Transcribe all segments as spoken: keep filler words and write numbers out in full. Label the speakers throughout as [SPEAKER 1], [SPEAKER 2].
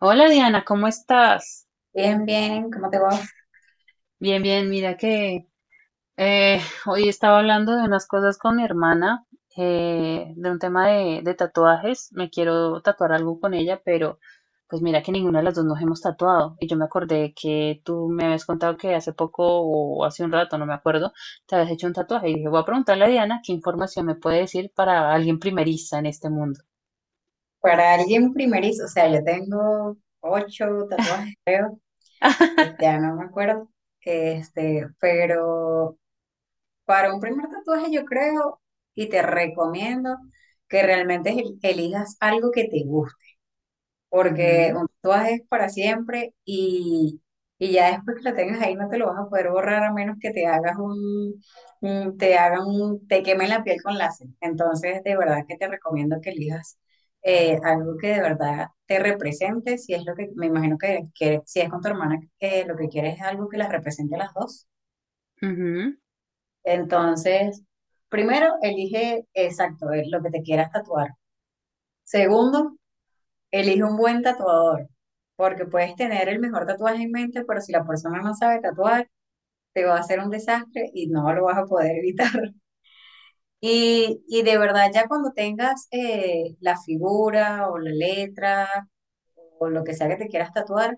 [SPEAKER 1] Hola Diana, ¿cómo estás?
[SPEAKER 2] Bien, bien, ¿cómo te va?
[SPEAKER 1] Bien, bien, mira que eh, hoy estaba hablando de unas cosas con mi hermana, eh, de un tema de, de tatuajes. Me quiero tatuar algo con ella, pero pues mira que ninguna de las dos nos hemos tatuado. Y yo me acordé que tú me habías contado que hace poco o hace un rato, no me acuerdo, te habías hecho un tatuaje. Y dije, voy a preguntarle a Diana qué información me puede decir para alguien primeriza en este mundo.
[SPEAKER 2] Para alguien primerizo, o sea, yo tengo ocho tatuajes, creo, eh, ya no me acuerdo, este, pero para un primer tatuaje yo creo y te recomiendo que realmente el- elijas algo que te guste. Porque
[SPEAKER 1] Ujú,
[SPEAKER 2] un tatuaje es para siempre y, y ya después que lo tengas ahí no te lo vas a poder borrar a menos que te hagas un, un- te hagan un, te quemen la piel con láser. Entonces, de verdad que te recomiendo que elijas eh, algo que de verdad te represente, si es lo que, me imagino que, que si es con tu hermana, que lo que quieres es algo que las represente a las dos.
[SPEAKER 1] ujú.
[SPEAKER 2] Entonces, primero, elige exacto eh, lo que te quieras tatuar. Segundo, elige un buen tatuador, porque puedes tener el mejor tatuaje en mente, pero si la persona no sabe tatuar, te va a hacer un desastre y no lo vas a poder evitar. Y, y de verdad, ya cuando tengas eh, la figura o la letra o lo que sea que te quieras tatuar,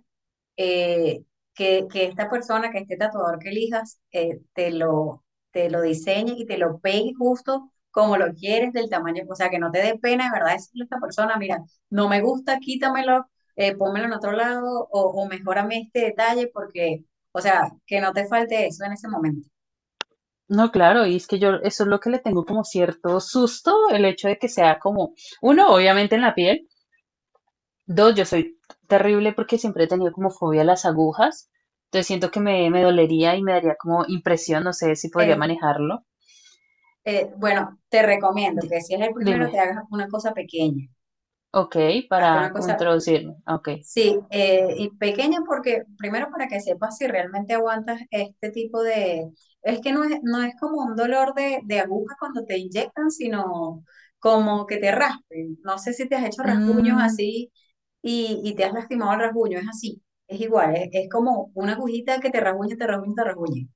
[SPEAKER 2] eh, que, que esta persona, que este tatuador que elijas, eh, te lo, te lo diseñe y te lo pegue justo como lo quieres, del tamaño, o sea, que no te dé pena, de verdad, decirle a esta persona, mira, no me gusta, quítamelo, eh, pónmelo en otro lado, o, o mejórame este detalle, porque, o sea, que no te falte eso en ese momento.
[SPEAKER 1] No, claro, y es que yo eso es lo que le tengo como cierto susto, el hecho de que sea como, uno, obviamente en la piel, dos, yo soy terrible porque siempre he tenido como fobia a las agujas, entonces siento que me, me dolería y me daría como impresión, no sé si podría
[SPEAKER 2] Eh,
[SPEAKER 1] manejarlo.
[SPEAKER 2] eh, bueno, te recomiendo
[SPEAKER 1] Di-
[SPEAKER 2] que si es el
[SPEAKER 1] Dime,
[SPEAKER 2] primero, te hagas una cosa pequeña,
[SPEAKER 1] ok,
[SPEAKER 2] hazte una
[SPEAKER 1] para como
[SPEAKER 2] cosa.
[SPEAKER 1] introducirme, ok.
[SPEAKER 2] Sí, eh, y pequeña porque, primero para que sepas si realmente aguantas este tipo de... Es que no es, no es como un dolor de, de aguja cuando te inyectan, sino como que te raspen. No sé si te has hecho rasguños
[SPEAKER 1] Mm, o
[SPEAKER 2] así y, y te has lastimado el rasguño, es así, es igual, es, es como una agujita que te rasguña, te rasguña, te rasguña.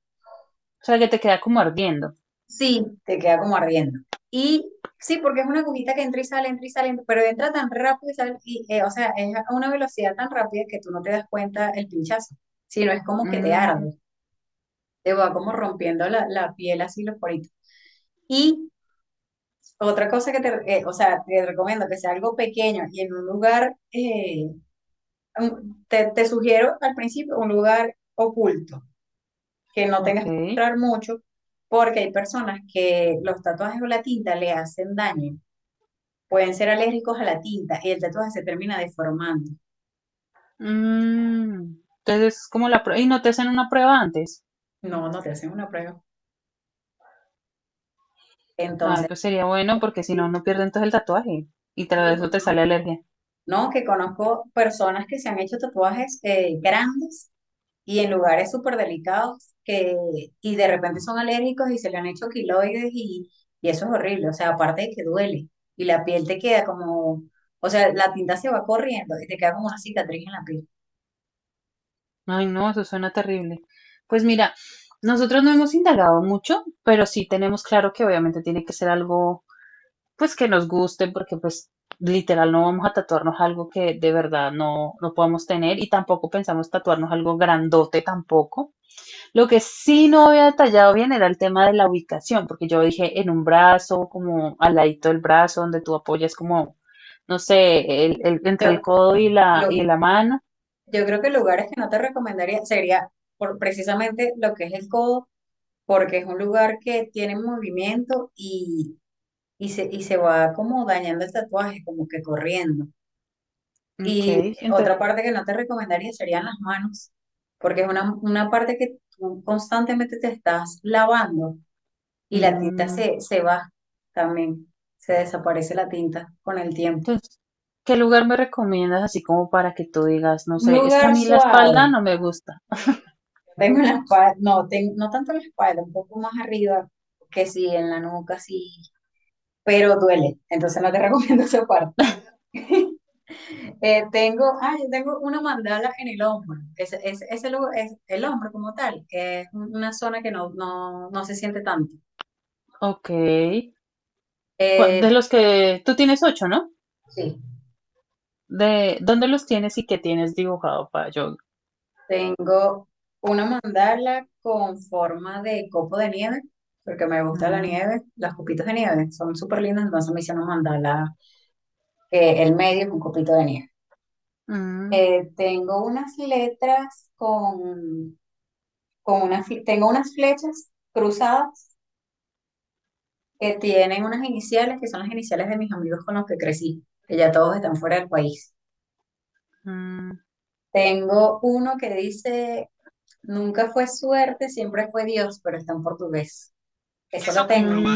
[SPEAKER 1] sea, que te queda como ardiendo.
[SPEAKER 2] Sí, te queda como ardiendo. Y sí, porque es una agujita que entra y sale, entra y sale, pero entra tan rápido y sale, y, eh, o sea, es a una velocidad tan rápida que tú no te das cuenta el pinchazo, sino es como que te
[SPEAKER 1] Mm,
[SPEAKER 2] arde, te va como rompiendo la, la piel así los poritos. Y otra cosa que te, eh, o sea, te recomiendo que sea algo pequeño y en un lugar, eh, un- te, te sugiero al principio un lugar oculto, que no tengas
[SPEAKER 1] ok.
[SPEAKER 2] que mostrar mucho, porque hay personas que los tatuajes o la tinta le hacen daño. Pueden ser alérgicos a la tinta y el tatuaje se termina deformando.
[SPEAKER 1] Mm, entonces, es como la prueba, y no te hacen una prueba antes.
[SPEAKER 2] No, no te hacen una prueba.
[SPEAKER 1] Ay,
[SPEAKER 2] Entonces,
[SPEAKER 1] pues sería bueno porque
[SPEAKER 2] pues
[SPEAKER 1] si no,
[SPEAKER 2] sí,
[SPEAKER 1] no pierden entonces el tatuaje y
[SPEAKER 2] sí,
[SPEAKER 1] tras eso
[SPEAKER 2] pues,
[SPEAKER 1] te sale
[SPEAKER 2] no.
[SPEAKER 1] alergia.
[SPEAKER 2] No, que conozco personas que se han hecho tatuajes eh, grandes y en lugares súper delicados que, y de repente son alérgicos y se le han hecho quiloides y, y eso es horrible. O sea, aparte de que duele y la piel te queda como, o sea, la tinta se va corriendo y te queda como una cicatriz en la piel.
[SPEAKER 1] Ay, no, eso suena terrible. Pues mira, nosotros no hemos indagado mucho, pero sí tenemos claro que obviamente tiene que ser algo pues que nos guste porque pues literal no vamos a tatuarnos algo que de verdad no, no podamos tener y tampoco pensamos tatuarnos algo grandote tampoco. Lo que sí no había detallado bien era el tema de la ubicación, porque yo dije en un brazo, como al ladito del brazo, donde tú apoyas como, no sé, el, el- entre el
[SPEAKER 2] Yo,
[SPEAKER 1] codo y la, y
[SPEAKER 2] lo,
[SPEAKER 1] la mano.
[SPEAKER 2] yo creo que lugares que no te recomendaría sería por precisamente lo que es el codo porque es un lugar que tiene movimiento y, y, se, y se va como dañando el tatuaje, como que corriendo.
[SPEAKER 1] Ok,
[SPEAKER 2] Y
[SPEAKER 1] entre-
[SPEAKER 2] otra parte que no te recomendaría serían las manos, porque es una, una parte que tú constantemente te estás lavando y la tinta
[SPEAKER 1] mm,
[SPEAKER 2] se, se va también, se desaparece la tinta con el tiempo.
[SPEAKER 1] entonces, ¿qué lugar me recomiendas así como para que tú digas, no
[SPEAKER 2] Un
[SPEAKER 1] sé, es que a
[SPEAKER 2] lugar
[SPEAKER 1] mí la espalda
[SPEAKER 2] suave,
[SPEAKER 1] no me gusta?
[SPEAKER 2] tengo la espalda, no, ten- no tanto la espalda, un poco más arriba, que sí, en la nuca, sí, pero duele, entonces no te recomiendo esa parte. Eh, tengo, ay, tengo una mandala en el hombro. Ese, ese, ese lugar es el hombro como tal. Es una zona que no, no, no se siente tanto.
[SPEAKER 1] Ok, cua-
[SPEAKER 2] Eh,
[SPEAKER 1] de los que tú tienes ocho, ¿no?
[SPEAKER 2] sí,
[SPEAKER 1] ¿De dónde los tienes y qué tienes dibujado para yo?
[SPEAKER 2] tengo una mandala con forma de copo de nieve, porque me gusta la
[SPEAKER 1] Mm,
[SPEAKER 2] nieve. Las copitos de nieve son súper lindas, entonces me hice una mandala que el medio es un copito de nieve.
[SPEAKER 1] mm,
[SPEAKER 2] Eh, tengo unas letras con, con unas, fle- tengo unas flechas cruzadas que tienen unas iniciales que son las iniciales de mis amigos con los que crecí, que ya todos están fuera del país.
[SPEAKER 1] mm,
[SPEAKER 2] Tengo uno que dice, nunca fue suerte, siempre fue Dios, pero está en portugués. Ese lo tengo,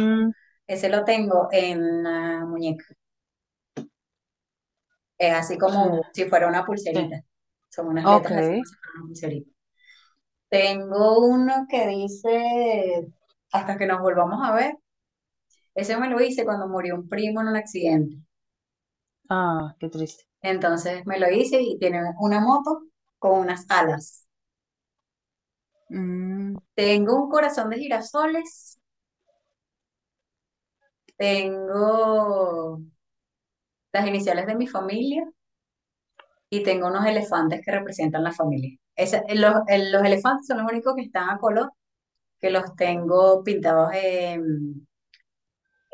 [SPEAKER 2] ese lo tengo en la muñeca. Es así
[SPEAKER 1] mm,
[SPEAKER 2] como si fuera una
[SPEAKER 1] sí,
[SPEAKER 2] pulserita. Son unas
[SPEAKER 1] ok.
[SPEAKER 2] letras así como si fuera una pulserita. Tengo uno que dice, hasta que nos volvamos a ver. Ese me lo hice cuando murió un primo en un accidente.
[SPEAKER 1] Ah, qué triste.
[SPEAKER 2] Entonces me lo hice y tiene una moto con unas alas.
[SPEAKER 1] Mm,
[SPEAKER 2] Tengo un corazón de girasoles, tengo las iniciales de mi familia y tengo unos elefantes que representan la familia. Esa- los, el- los elefantes son los únicos que están a color, que los tengo pintados en,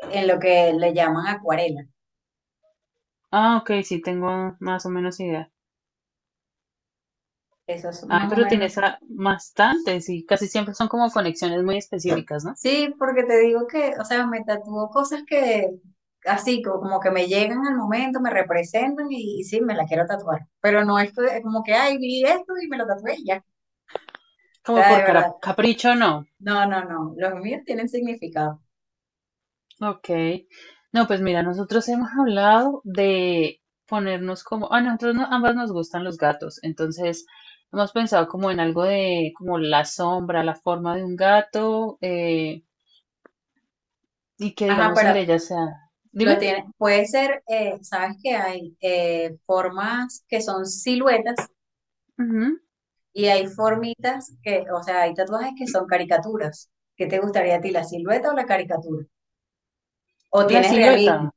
[SPEAKER 2] en lo que le llaman acuarela.
[SPEAKER 1] ah, ok, sí, tengo más o menos idea.
[SPEAKER 2] Esos son
[SPEAKER 1] Ay,
[SPEAKER 2] más o
[SPEAKER 1] pero
[SPEAKER 2] menos.
[SPEAKER 1] tienes a- bastantes y casi siempre son como conexiones muy específicas, ¿no?
[SPEAKER 2] Sí, porque te digo que, o sea, me tatúo cosas que así co- como que me llegan al momento, me representan y, y sí, me la quiero tatuar. Pero no es que- como que, ay, vi esto y me lo tatué y ya. O
[SPEAKER 1] Como
[SPEAKER 2] sea,
[SPEAKER 1] por
[SPEAKER 2] de verdad.
[SPEAKER 1] cara- capricho, no.
[SPEAKER 2] No, no, no. Los míos tienen significado.
[SPEAKER 1] Ok. No, pues mira, nosotros hemos hablado de ponernos como, a nosotros no- ambas nos gustan los gatos, entonces hemos pensado como en algo de como la sombra, la forma de un gato eh, y que
[SPEAKER 2] Ajá,
[SPEAKER 1] digamos el de
[SPEAKER 2] pero
[SPEAKER 1] ella sea,
[SPEAKER 2] lo
[SPEAKER 1] dime,
[SPEAKER 2] tiene. Puede ser, eh, sabes que hay eh, formas que son siluetas
[SPEAKER 1] ujú,
[SPEAKER 2] y hay formitas que, o sea, hay tatuajes que son caricaturas. ¿Qué te gustaría a ti, la silueta o la caricatura? ¿O
[SPEAKER 1] la
[SPEAKER 2] tienes realismo?
[SPEAKER 1] silueta.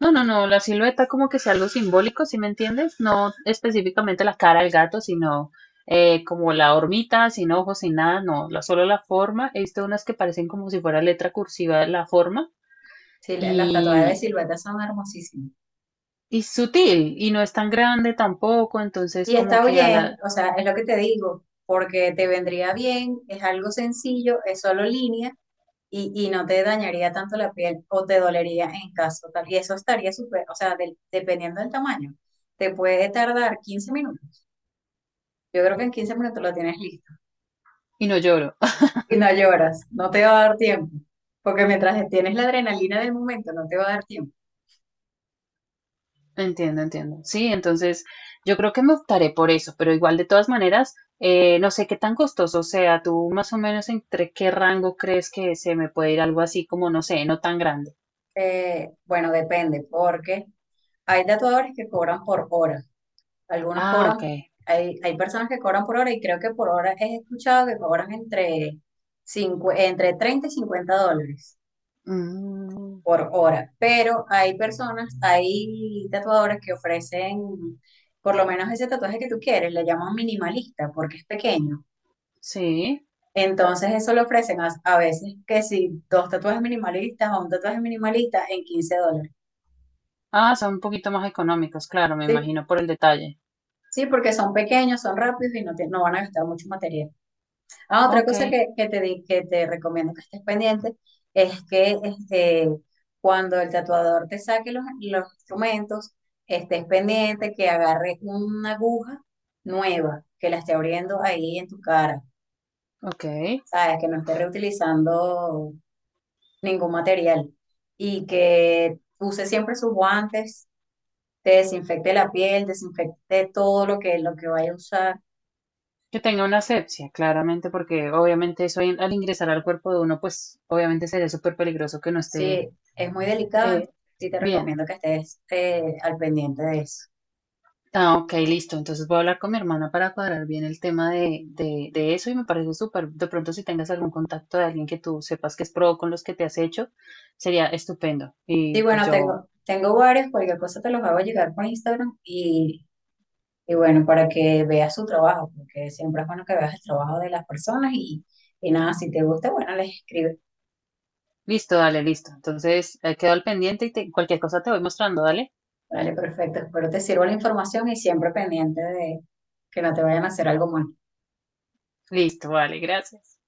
[SPEAKER 1] No, no, no, la silueta como que sea algo simbólico, ¿sí me entiendes? No específicamente la cara del gato, sino eh, como la hormita, sin ojos, sin nada, no, la, solo la forma. He visto unas que parecen como si fuera letra cursiva la forma
[SPEAKER 2] Sí, la- las tatuadas de
[SPEAKER 1] y,
[SPEAKER 2] silueta son hermosísimas.
[SPEAKER 1] y sutil y no es tan grande tampoco, entonces
[SPEAKER 2] Y
[SPEAKER 1] como
[SPEAKER 2] está
[SPEAKER 1] que a
[SPEAKER 2] bien,
[SPEAKER 1] la...
[SPEAKER 2] o sea, es lo que te digo, porque te vendría bien, es algo sencillo, es solo línea y, y no te dañaría tanto la piel o te dolería en caso tal. Y eso estaría súper, o sea, del- dependiendo del tamaño, te puede tardar quince minutos. Yo creo que en quince minutos lo tienes listo
[SPEAKER 1] Y no lloro.
[SPEAKER 2] y no lloras, no te va a dar tiempo, porque mientras tienes la adrenalina del momento, no te va a dar tiempo.
[SPEAKER 1] Entiendo, entiendo. Sí, entonces yo creo que me optaré por eso, pero igual de todas maneras, eh, no sé qué tan costoso sea. ¿Tú más o menos entre qué rango crees que se me puede ir algo así como, no sé, no tan grande?
[SPEAKER 2] Eh, bueno, depende, porque hay tatuadores que cobran por hora. Algunos
[SPEAKER 1] Ah, ok.
[SPEAKER 2] cobran, hay, hay personas que cobran por hora y creo que por hora he escuchado que cobran entre, cincu- entre treinta y cincuenta dólares
[SPEAKER 1] Mm,
[SPEAKER 2] por hora, pero hay personas, hay tatuadores que ofrecen por lo menos ese tatuaje que tú quieres, le llaman minimalista porque es pequeño.
[SPEAKER 1] sí.
[SPEAKER 2] Entonces eso lo ofrecen a, a veces que si dos tatuajes minimalistas o un tatuaje minimalista en quince dólares.
[SPEAKER 1] Ah, son un poquito más económicos, claro, me
[SPEAKER 2] Sí,
[SPEAKER 1] imagino por el detalle.
[SPEAKER 2] sí, porque son pequeños, son rápidos y no, te- no van a gastar mucho material. Ah, otra
[SPEAKER 1] Ok,
[SPEAKER 2] cosa que, que te, di- que te recomiendo que estés pendiente es que este, cuando el tatuador te saque los, los instrumentos, estés pendiente que agarre una aguja nueva, que la esté abriendo ahí en tu cara,
[SPEAKER 1] ok.
[SPEAKER 2] ¿sabes? Que no esté reutilizando ningún material y que use siempre sus guantes, te desinfecte la piel, desinfecte todo lo que, lo que vaya a usar.
[SPEAKER 1] Que tenga una asepsia, claramente, porque obviamente eso en- al ingresar al cuerpo de uno, pues obviamente sería súper peligroso que no esté
[SPEAKER 2] Sí, es muy delicado,
[SPEAKER 1] eh,
[SPEAKER 2] entonces sí te
[SPEAKER 1] bien.
[SPEAKER 2] recomiendo que estés eh, al pendiente de eso.
[SPEAKER 1] Ah, ok, listo. Entonces voy a hablar con mi hermana para cuadrar bien el tema de, de, de eso y me parece súper, de pronto si tengas algún contacto de alguien que tú sepas que es pro con los que te has hecho, sería estupendo. Y
[SPEAKER 2] Sí,
[SPEAKER 1] pues
[SPEAKER 2] bueno,
[SPEAKER 1] yo,
[SPEAKER 2] tengo, tengo varios, cualquier cosa te los hago llegar por Instagram y, y bueno, para que veas su trabajo, porque siempre es bueno que veas el trabajo de las personas y, y nada, si te gusta, bueno, les escribes.
[SPEAKER 1] listo, dale, listo. Entonces eh, quedo al pendiente y te- cualquier cosa te voy mostrando, dale.
[SPEAKER 2] Vale, perfecto, espero te sirva la información y siempre pendiente de que no te vayan a hacer algo mal.
[SPEAKER 1] Listo, vale, gracias.